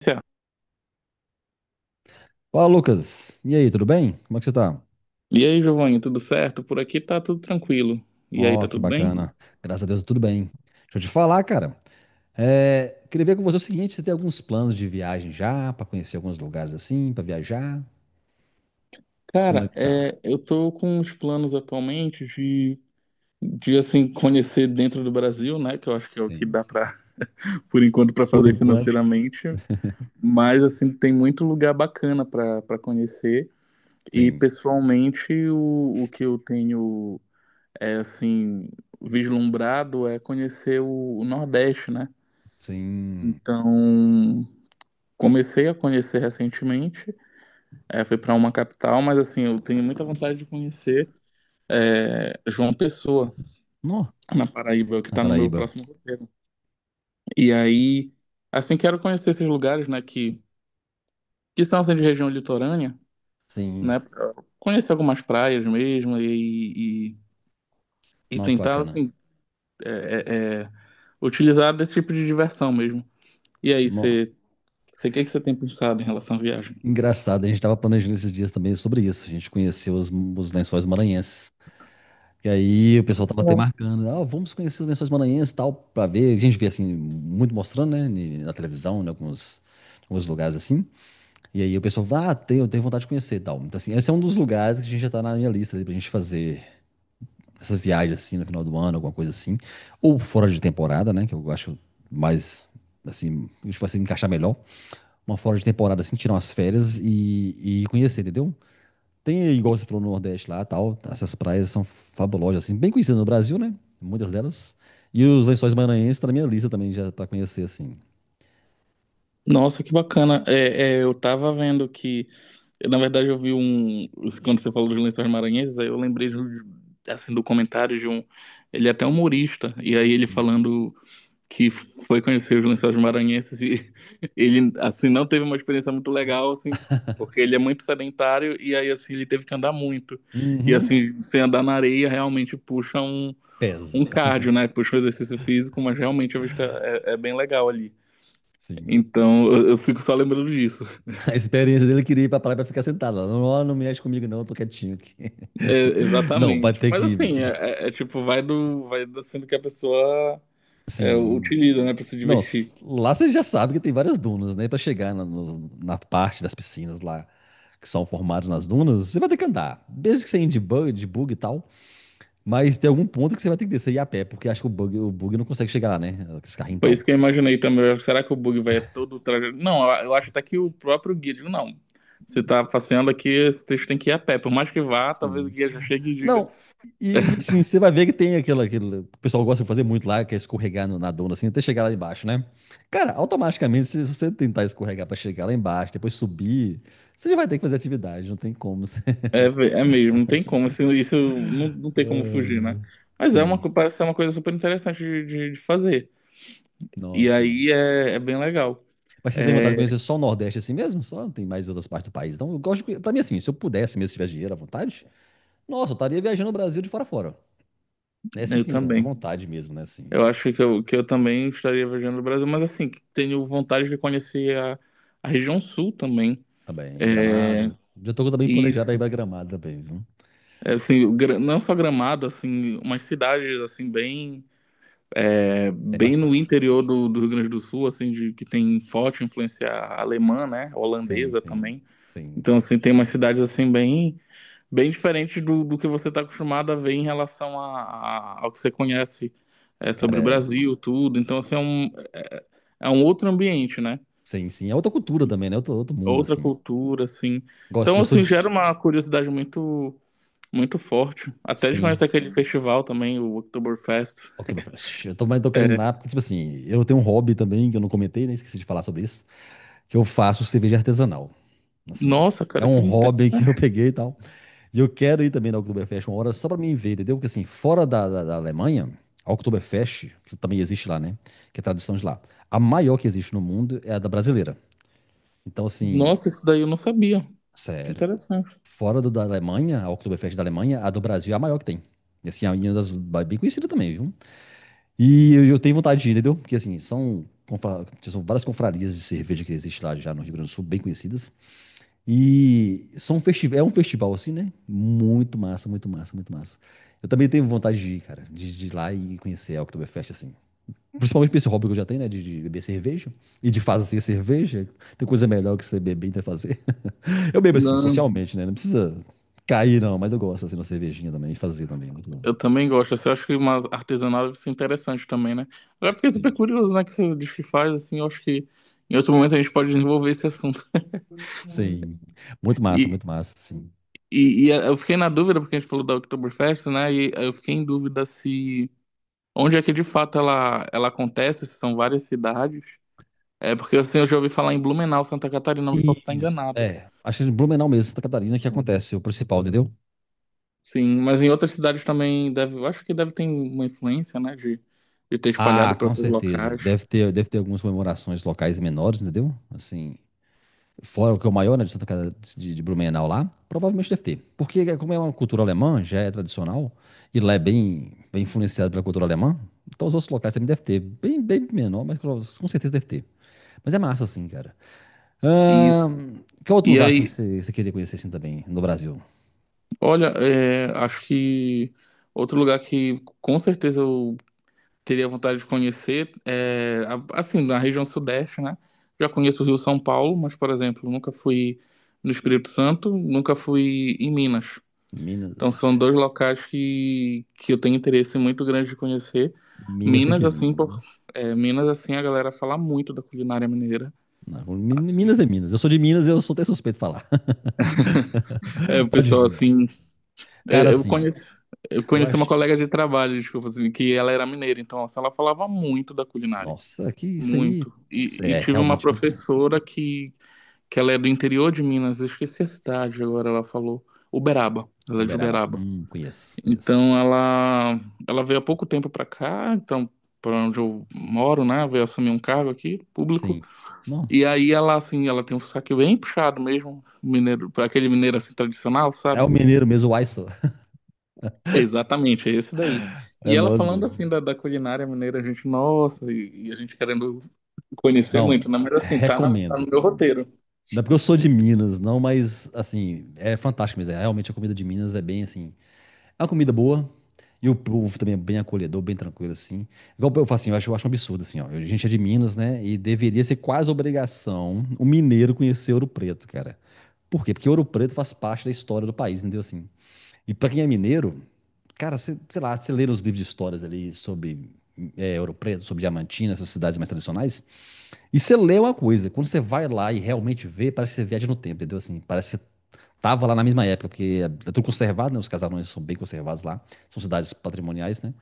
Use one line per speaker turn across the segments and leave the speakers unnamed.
Certo.
Fala, Lucas. E aí, tudo bem? Como é que você tá?
E aí, Giovanni, tudo certo? Por aqui tá tudo tranquilo. E aí,
Ó,
tá
que
tudo bem?
bacana. Graças a Deus, tudo bem. Deixa eu te falar, cara. Queria ver com você o seguinte, você tem alguns planos de viagem já, para conhecer alguns lugares assim, para viajar? Como é
Cara,
que tá?
eu tô com uns planos atualmente de assim, conhecer dentro do Brasil, né? Que eu acho que é o que
Sim.
dá por enquanto, pra
Por
fazer
enquanto.
financeiramente. Mas, assim, tem muito lugar bacana pra conhecer. E,
Sim.
pessoalmente, o que eu tenho, assim, vislumbrado é conhecer o Nordeste, né?
Sim.
Então, comecei a conhecer recentemente. Fui para uma capital, mas assim, eu tenho muita vontade de conhecer João Pessoa,
Nó,
na Paraíba, que
na
está no meu
Paraíba.
próximo roteiro. E aí, assim, quero conhecer esses lugares, que são assim, de região litorânea,
Sim.
né, pra conhecer algumas praias mesmo e
Nó, que
tentar,
bacana.
assim, é, é, é, utilizar desse tipo de diversão mesmo. E aí,
Nó.
você, o que que você tem pensado em relação à viagem?
Engraçado, a gente tava planejando esses dias também sobre isso. A gente conheceu os Lençóis Maranhenses. E aí o pessoal tava até marcando, ah, vamos conhecer os Lençóis Maranhenses e tal, pra ver. A gente vê assim, muito mostrando, né, na televisão, em alguns lugares assim. E aí o pessoal, ah, eu tenho vontade de conhecer e tal. Então, assim, esse é um dos lugares que a gente já tá na minha lista ali pra gente fazer essa viagem assim no final do ano, alguma coisa assim. Ou fora de temporada, né, que eu acho mais, assim, a gente vai se encaixar melhor. Uma fora de temporada assim, tirar umas férias e conhecer, entendeu? Tem, igual você falou, no Nordeste lá, tal. Essas praias são fabulosas, assim, bem conhecidas no Brasil, né? Muitas delas. E os Lençóis Maranhenses tá na minha lista também, já pra conhecer, assim.
Nossa, que bacana. Eu tava vendo que, na verdade, eu vi um. Quando você falou de Lençóis Maranhenses, aí eu lembrei assim, do comentário de um. Ele é até humorista, e aí ele falando que foi conhecer os Lençóis Maranhenses e ele, assim, não teve uma experiência muito legal, assim, porque ele é muito sedentário e aí, assim, ele teve que andar muito. E,
Uhum.
assim, sem andar na areia realmente um
Pesa.
cardio, né? Puxa um exercício físico, mas realmente a vista é bem legal ali.
Sim.
Então, eu fico só lembrando disso.
A experiência dele queria ir pra praia pra ficar sentado lá. Não, ó, não mexe comigo, não, eu tô quietinho aqui.
É,
Não, vai
exatamente.
ter
Mas
que,
assim,
tipo,
é tipo, vai do sendo que a pessoa
assim.
utiliza, né, pra se
Não,
divertir.
lá você já sabe que tem várias dunas, né? Pra chegar na, no- na parte das piscinas lá, que são formadas nas dunas, você vai ter que andar. Desde que você ande de bug e tal. Mas tem algum ponto que você vai ter que descer e ir a pé, porque acho que o bug não consegue chegar lá, né? Esse carrinho e
Foi
tal.
isso que eu imaginei também. Será que o bug vai todo trajeto? Não, eu acho até que o próprio guia, digo, não. Você tá passeando aqui, esse texto tem que ir a pé. Por mais que vá, talvez o
Sim.
guia já chegue e diga.
Não, e assim, você vai ver que tem aquele, o pessoal gosta de fazer muito lá, que é escorregar na dona, assim, até chegar lá embaixo, né? Cara, automaticamente, se você tentar escorregar pra chegar lá embaixo, depois subir, você já vai ter que fazer atividade, não tem como.
É mesmo, não tem como. Isso, não tem como fugir, né?
Ah,
Mas é uma,
sim,
parece ser uma coisa super interessante de fazer. E
nossa, que
aí
massa.
é bem legal.
Mas você tem vontade de
É,
conhecer só o Nordeste assim mesmo? Só não tem mais outras partes do país. Então, eu gosto de... conhe- pra mim, assim, se eu pudesse mesmo, se tivesse dinheiro à vontade, nossa, eu estaria viajando o Brasil de fora a fora. Essa,
Eu
assim, é à
também.
vontade mesmo, né? Assim,
Eu acho que eu também estaria viajando no Brasil, mas assim, tenho vontade de conhecer a região sul também.
também.
É,
Gramado. Já tô também planejado aí
isso.
pra Gramado também, viu?
É, assim, Gra- não só Gramado, assim, umas cidades assim
Tem
bem no
bastante. Ó.
interior do Rio Grande do Sul, assim, de, que tem forte influência alemã, né?
Sim,
Holandesa
sim.
também.
Sim.
Então, assim, tem umas cidades assim bem diferentes do que você está acostumado a ver em relação ao que você conhece
Cara,
sobre o
é...
Brasil, tudo. Então, assim, é um, é um outro ambiente, né?
sim, sim. É outra cultura também, né? Outro
É
mundo,
outra
assim.
cultura, assim.
Gosto, assim,
Então,
eu sou
assim, gera
de.
uma curiosidade muito, muito forte. Até de conhecer
Sim.
aquele festival também, o Oktoberfest.
Oktoberfest. Eu tô, mas tô querendo ir
É,
lá, porque, tipo assim, eu tenho um hobby também que eu não comentei, né? Esqueci de falar sobre isso. Que eu faço cerveja artesanal. Assim,
nossa,
é
cara,
um
que inte-
hobby que eu peguei e tal. E eu quero ir também na Oktoberfest uma hora só pra mim ver, entendeu? Porque assim, fora da Alemanha, a Oktoberfest, que também existe lá, né? Que é tradição de lá. A maior que existe no mundo é a da brasileira. Então, assim,
nossa, isso daí eu não sabia. Que
sério.
interessante.
Fora da Alemanha, a Oktoberfest da Alemanha, a do Brasil é a maior que tem. E assim, é uma das bem conhecida também, viu? E eu tenho vontade de ir, entendeu? Porque assim, são várias confrarias de cerveja que existe lá já no Rio Grande do Sul, bem conhecidas. É um festival assim, né? Muito massa, muito massa, muito massa. Eu também tenho vontade de ir, cara, de ir lá e conhecer a Oktoberfest, assim. Principalmente por esse hobby que eu já tenho, né? De beber cerveja. E de fazer assim, cerveja. Tem coisa melhor que você beber e ainda fazer. Eu bebo assim,
Não,
socialmente, né? Não precisa cair, não, mas eu gosto assim, de uma cervejinha também, fazer também. Muito bom.
eu também gosto. Assim, eu acho que uma artesanal deve ser interessante também, né? Agora eu fiquei super
Sim.
curioso, né? Que você diz que faz, assim, eu acho que em outro momento a gente pode desenvolver esse assunto.
Sim.
E,
Muito massa, sim.
e eu fiquei na dúvida, porque a gente falou da Oktoberfest, né? E eu fiquei em dúvida se onde é que de fato ela acontece? Se são várias cidades. É porque assim, eu já ouvi falar em Blumenau, Santa Catarina, mas posso estar
Isso.
enganado.
Acho que em Blumenau mesmo, Santa Catarina, que acontece o principal, entendeu?
Sim, mas em outras cidades também deve, eu acho que deve ter uma influência, de ter espalhado
Ah,
para
com
outros
certeza.
locais.
Deve ter algumas comemorações locais menores, entendeu? Assim, fora o que é o maior, né, de Santa Casa de Blumenau lá, provavelmente deve ter. Porque como é uma cultura alemã, já é tradicional, e lá é bem, bem influenciado pela cultura alemã, então os outros locais também deve ter. Bem, bem menor, mas com certeza deve ter. Mas é massa, assim, cara.
Isso.
Que outro
E
lugar, assim, que
aí,
você queria conhecer, assim, também, no Brasil?
olha, é, acho que outro lugar que com certeza eu teria vontade de conhecer é, a- assim, na região sudeste, né? Já conheço o Rio, São Paulo, mas, por exemplo, nunca fui no Espírito Santo, nunca fui em Minas. Então são
Minas.
dois locais que eu tenho interesse muito grande de conhecer.
Minas tem
Minas,
que vir,
assim, por,
Minas.
é, Minas, assim, a galera fala muito da culinária mineira.
Não, Minas
Assim,
é Minas. Eu sou de Minas, eu sou até suspeito de falar.
é, o
Pode
pessoal,
vir.
assim,
Cara,
eu
assim,
conheço, eu
eu
conheci uma
acho.
colega de trabalho, desculpa, assim, que ela era mineira, então, assim, ela falava muito da culinária,
Nossa, que isso aí
muito. E
é
tive uma
realmente muito bom.
professora que ela é do interior de Minas, eu esqueci a cidade agora, ela falou, Uberaba, ela é de
Uberaba.
Uberaba.
Conheço, conheço.
Então ela veio há pouco tempo para cá, então para onde eu moro, né? Veio assumir um cargo aqui público.
Sim. Não.
E aí ela assim, ela tem um sotaque bem puxado mesmo, mineiro, para aquele mineiro assim tradicional,
É
sabe?
o mineiro mesmo, o Aiso.
Exatamente, é esse daí.
É
E ela
nós
falando
mesmo.
assim da culinária mineira, a gente, nossa, e a gente querendo conhecer
Não,
muito, né? Mas assim, tá, na- tá
recomendo,
no meu
cara.
roteiro.
Não é porque eu sou de Minas, não, mas, assim, é fantástico mesmo. Realmente a comida de Minas é bem, assim, a comida boa. E o povo também é bem acolhedor, bem tranquilo, assim. Igual eu falo assim, eu acho um absurdo, assim, ó. A gente é de Minas, né? E deveria ser quase obrigação o mineiro conhecer Ouro Preto, cara. Por quê? Porque Ouro Preto faz parte da história do país, entendeu? Assim. E pra quem é mineiro, cara, sei lá, você lê nos livros de histórias ali sobre Ouro Preto, sobre Diamantina, essas cidades mais tradicionais, e você lê uma coisa. Quando você vai lá e realmente vê, parece que você viaja no tempo, entendeu? Assim, parece que você tava lá na mesma época, porque é tudo conservado, né? Os casarões são bem conservados lá. São cidades patrimoniais, né?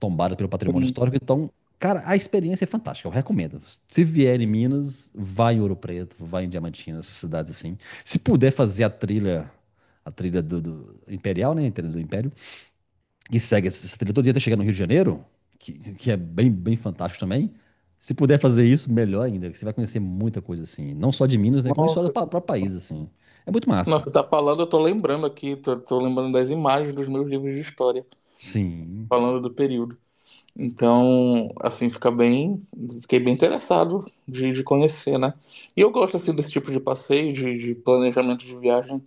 Tombadas pelo patrimônio
Sim.
histórico. Então, cara, a experiência é fantástica. Eu recomendo. Se vier em Minas, vai em Ouro Preto, vai em Diamantina, essas cidades assim. Se puder fazer a trilha do Imperial, né? A trilha do Império, que segue essa trilha todo dia até chegar no Rio de Janeiro, que é bem, bem fantástico também. Se puder fazer isso, melhor ainda, que você vai conhecer muita coisa assim. Não só de Minas, né? Como a história do
Nossa, que-
próprio país, assim. É muito massa.
nossa, tá falando, eu tô lembrando aqui, tô lembrando das imagens dos meus livros de história,
Sim.
falando do período. Então, assim, fica bem, fiquei bem interessado de conhecer, né? E eu gosto assim desse tipo de passeio, de planejamento de viagem,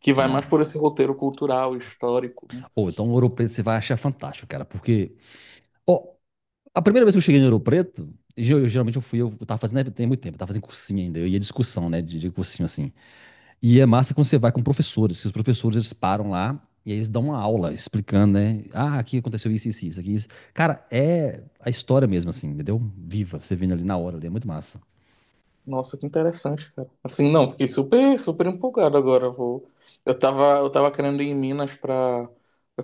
que vai mais
Não.
por esse roteiro cultural, histórico, né?
Ou então o Ouro Preto você vai achar fantástico, cara, porque ó, a primeira vez que eu cheguei no Ouro Preto, geralmente eu fui, eu tava fazendo, né, tem muito tempo, eu tava fazendo cursinho ainda, eu ia discussão, né, de cursinho assim. E é massa quando você vai com professores, que os professores eles param lá e eles dão uma aula explicando, né? Ah, aqui aconteceu isso, isso, isso, aqui, isso. Cara, é a história mesmo assim, entendeu? Viva, você vendo ali na hora, ali, é muito massa.
Nossa, que interessante, cara. Assim, não, fiquei super, super empolgado agora. Vou... eu tava querendo ir em Minas pra,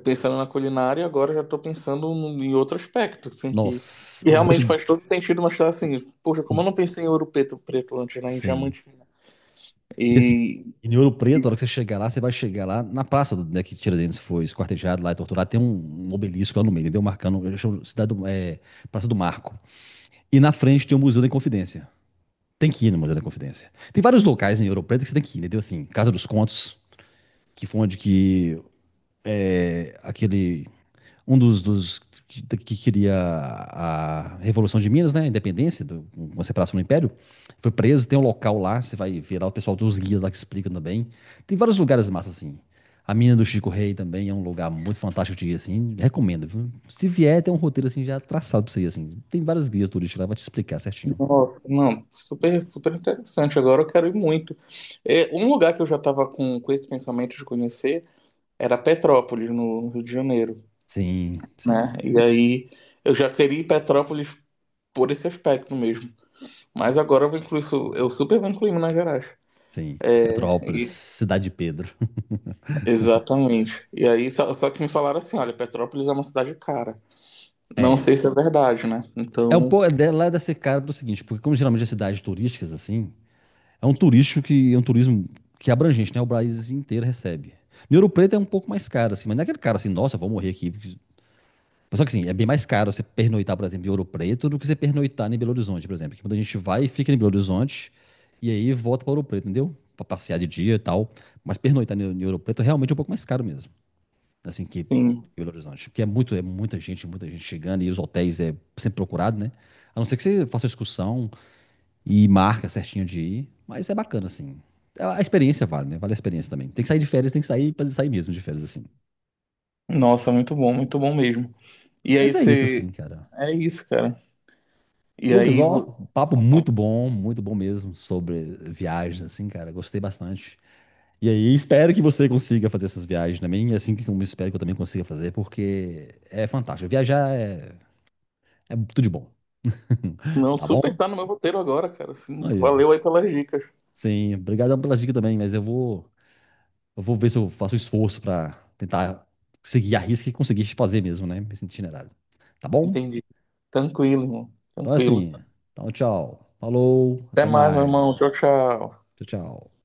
pensando na culinária, agora já tô pensando no- em outro aspecto, assim,
Nossa,
que
eu vou
realmente
te...
faz todo sentido, mas tá assim, poxa, como eu não pensei em Preto antes, né? Em
Sim.
Diamantina.
E assim,
E
em Ouro Preto, na hora que você chegar lá, você vai chegar lá na praça né, que Tiradentes foi esquartejado lá e torturado. Tem um obelisco lá no meio, entendeu? Marcando, eu chamo cidade Praça do Marco. E na frente tem o Museu da Inconfidência. Tem que ir no Museu da Inconfidência. Tem vários locais em Ouro Preto que você tem que ir, entendeu? Assim, Casa dos Contos, que foi onde que é, aquele um dos que queria a Revolução de Minas, né? A independência, uma separação do Império, foi preso. Tem um local lá, você vai ver lá o pessoal dos guias lá que explicam também. Tem vários lugares massa assim. A mina do Chico Rei também é um lugar muito fantástico de ir, assim. Recomendo, viu? Se vier, tem um roteiro assim já traçado pra você ir, assim. Tem vários guias turísticos lá, vai te explicar certinho.
nossa, não, super, super interessante. Agora eu quero ir muito. É, um lugar que eu já estava com esse pensamento de conhecer era Petrópolis, no Rio de Janeiro,
Sim, sim,
né? E aí eu já queria ir Petrópolis por esse aspecto mesmo. Mas agora eu vou incluir, isso eu super vou incluir Minas Gerais.
sim. Petrópolis,
E-
Cidade de Pedro.
exatamente. E aí só que me falaram assim, olha, Petrópolis é uma cidade cara. Não
É.
sei se é verdade, né?
É um
Então,
pouco. Lá deve ser caro pro seguinte, porque como geralmente é cidades turísticas, assim, é um turístico que é um turismo que é abrangente, né? O país inteiro recebe. Em Ouro Preto é um pouco mais caro, assim, mas não é aquele cara assim, nossa, vou morrer aqui. Mas só que assim, é bem mais caro você pernoitar, por exemplo, em Ouro Preto do que você pernoitar em Belo Horizonte, por exemplo. Que muita gente vai e fica em Belo Horizonte e aí volta para Ouro Preto, entendeu? Para passear de dia e tal. Mas pernoitar em Ouro Preto realmente é um pouco mais caro mesmo. Assim, que em
sim.
Belo Horizonte. Porque é muita gente chegando e os hotéis é sempre procurado, né? A não ser que você faça uma excursão, e marca certinho de ir. Mas é bacana, assim. A experiência vale, né? Vale a experiência também. Tem que sair de férias, tem que sair pra sair mesmo de férias, assim.
Nossa, muito bom mesmo. E aí
Mas é isso, assim,
você...
cara.
É isso, cara. E
Lucas,
aí
ó, papo muito bom mesmo sobre viagens, assim, cara. Gostei bastante. E aí, espero que você consiga fazer essas viagens também, e assim como eu espero que eu também consiga fazer, porque é fantástico. Viajar é tudo de bom.
não,
Tá bom?
super tá no meu roteiro agora, cara. Assim,
Aí, ó.
valeu aí pelas dicas.
Sim, obrigadão pelas dicas também, mas eu vou ver se eu faço esforço para tentar seguir a risca e conseguir fazer mesmo, né? Esse itinerário. Tá bom?
Entendi. Tranquilo, irmão.
Então é
Tranquilo.
assim. Então, tchau. Falou.
Até
Até
mais, meu irmão.
mais.
Tchau, tchau.
Tchau, tchau.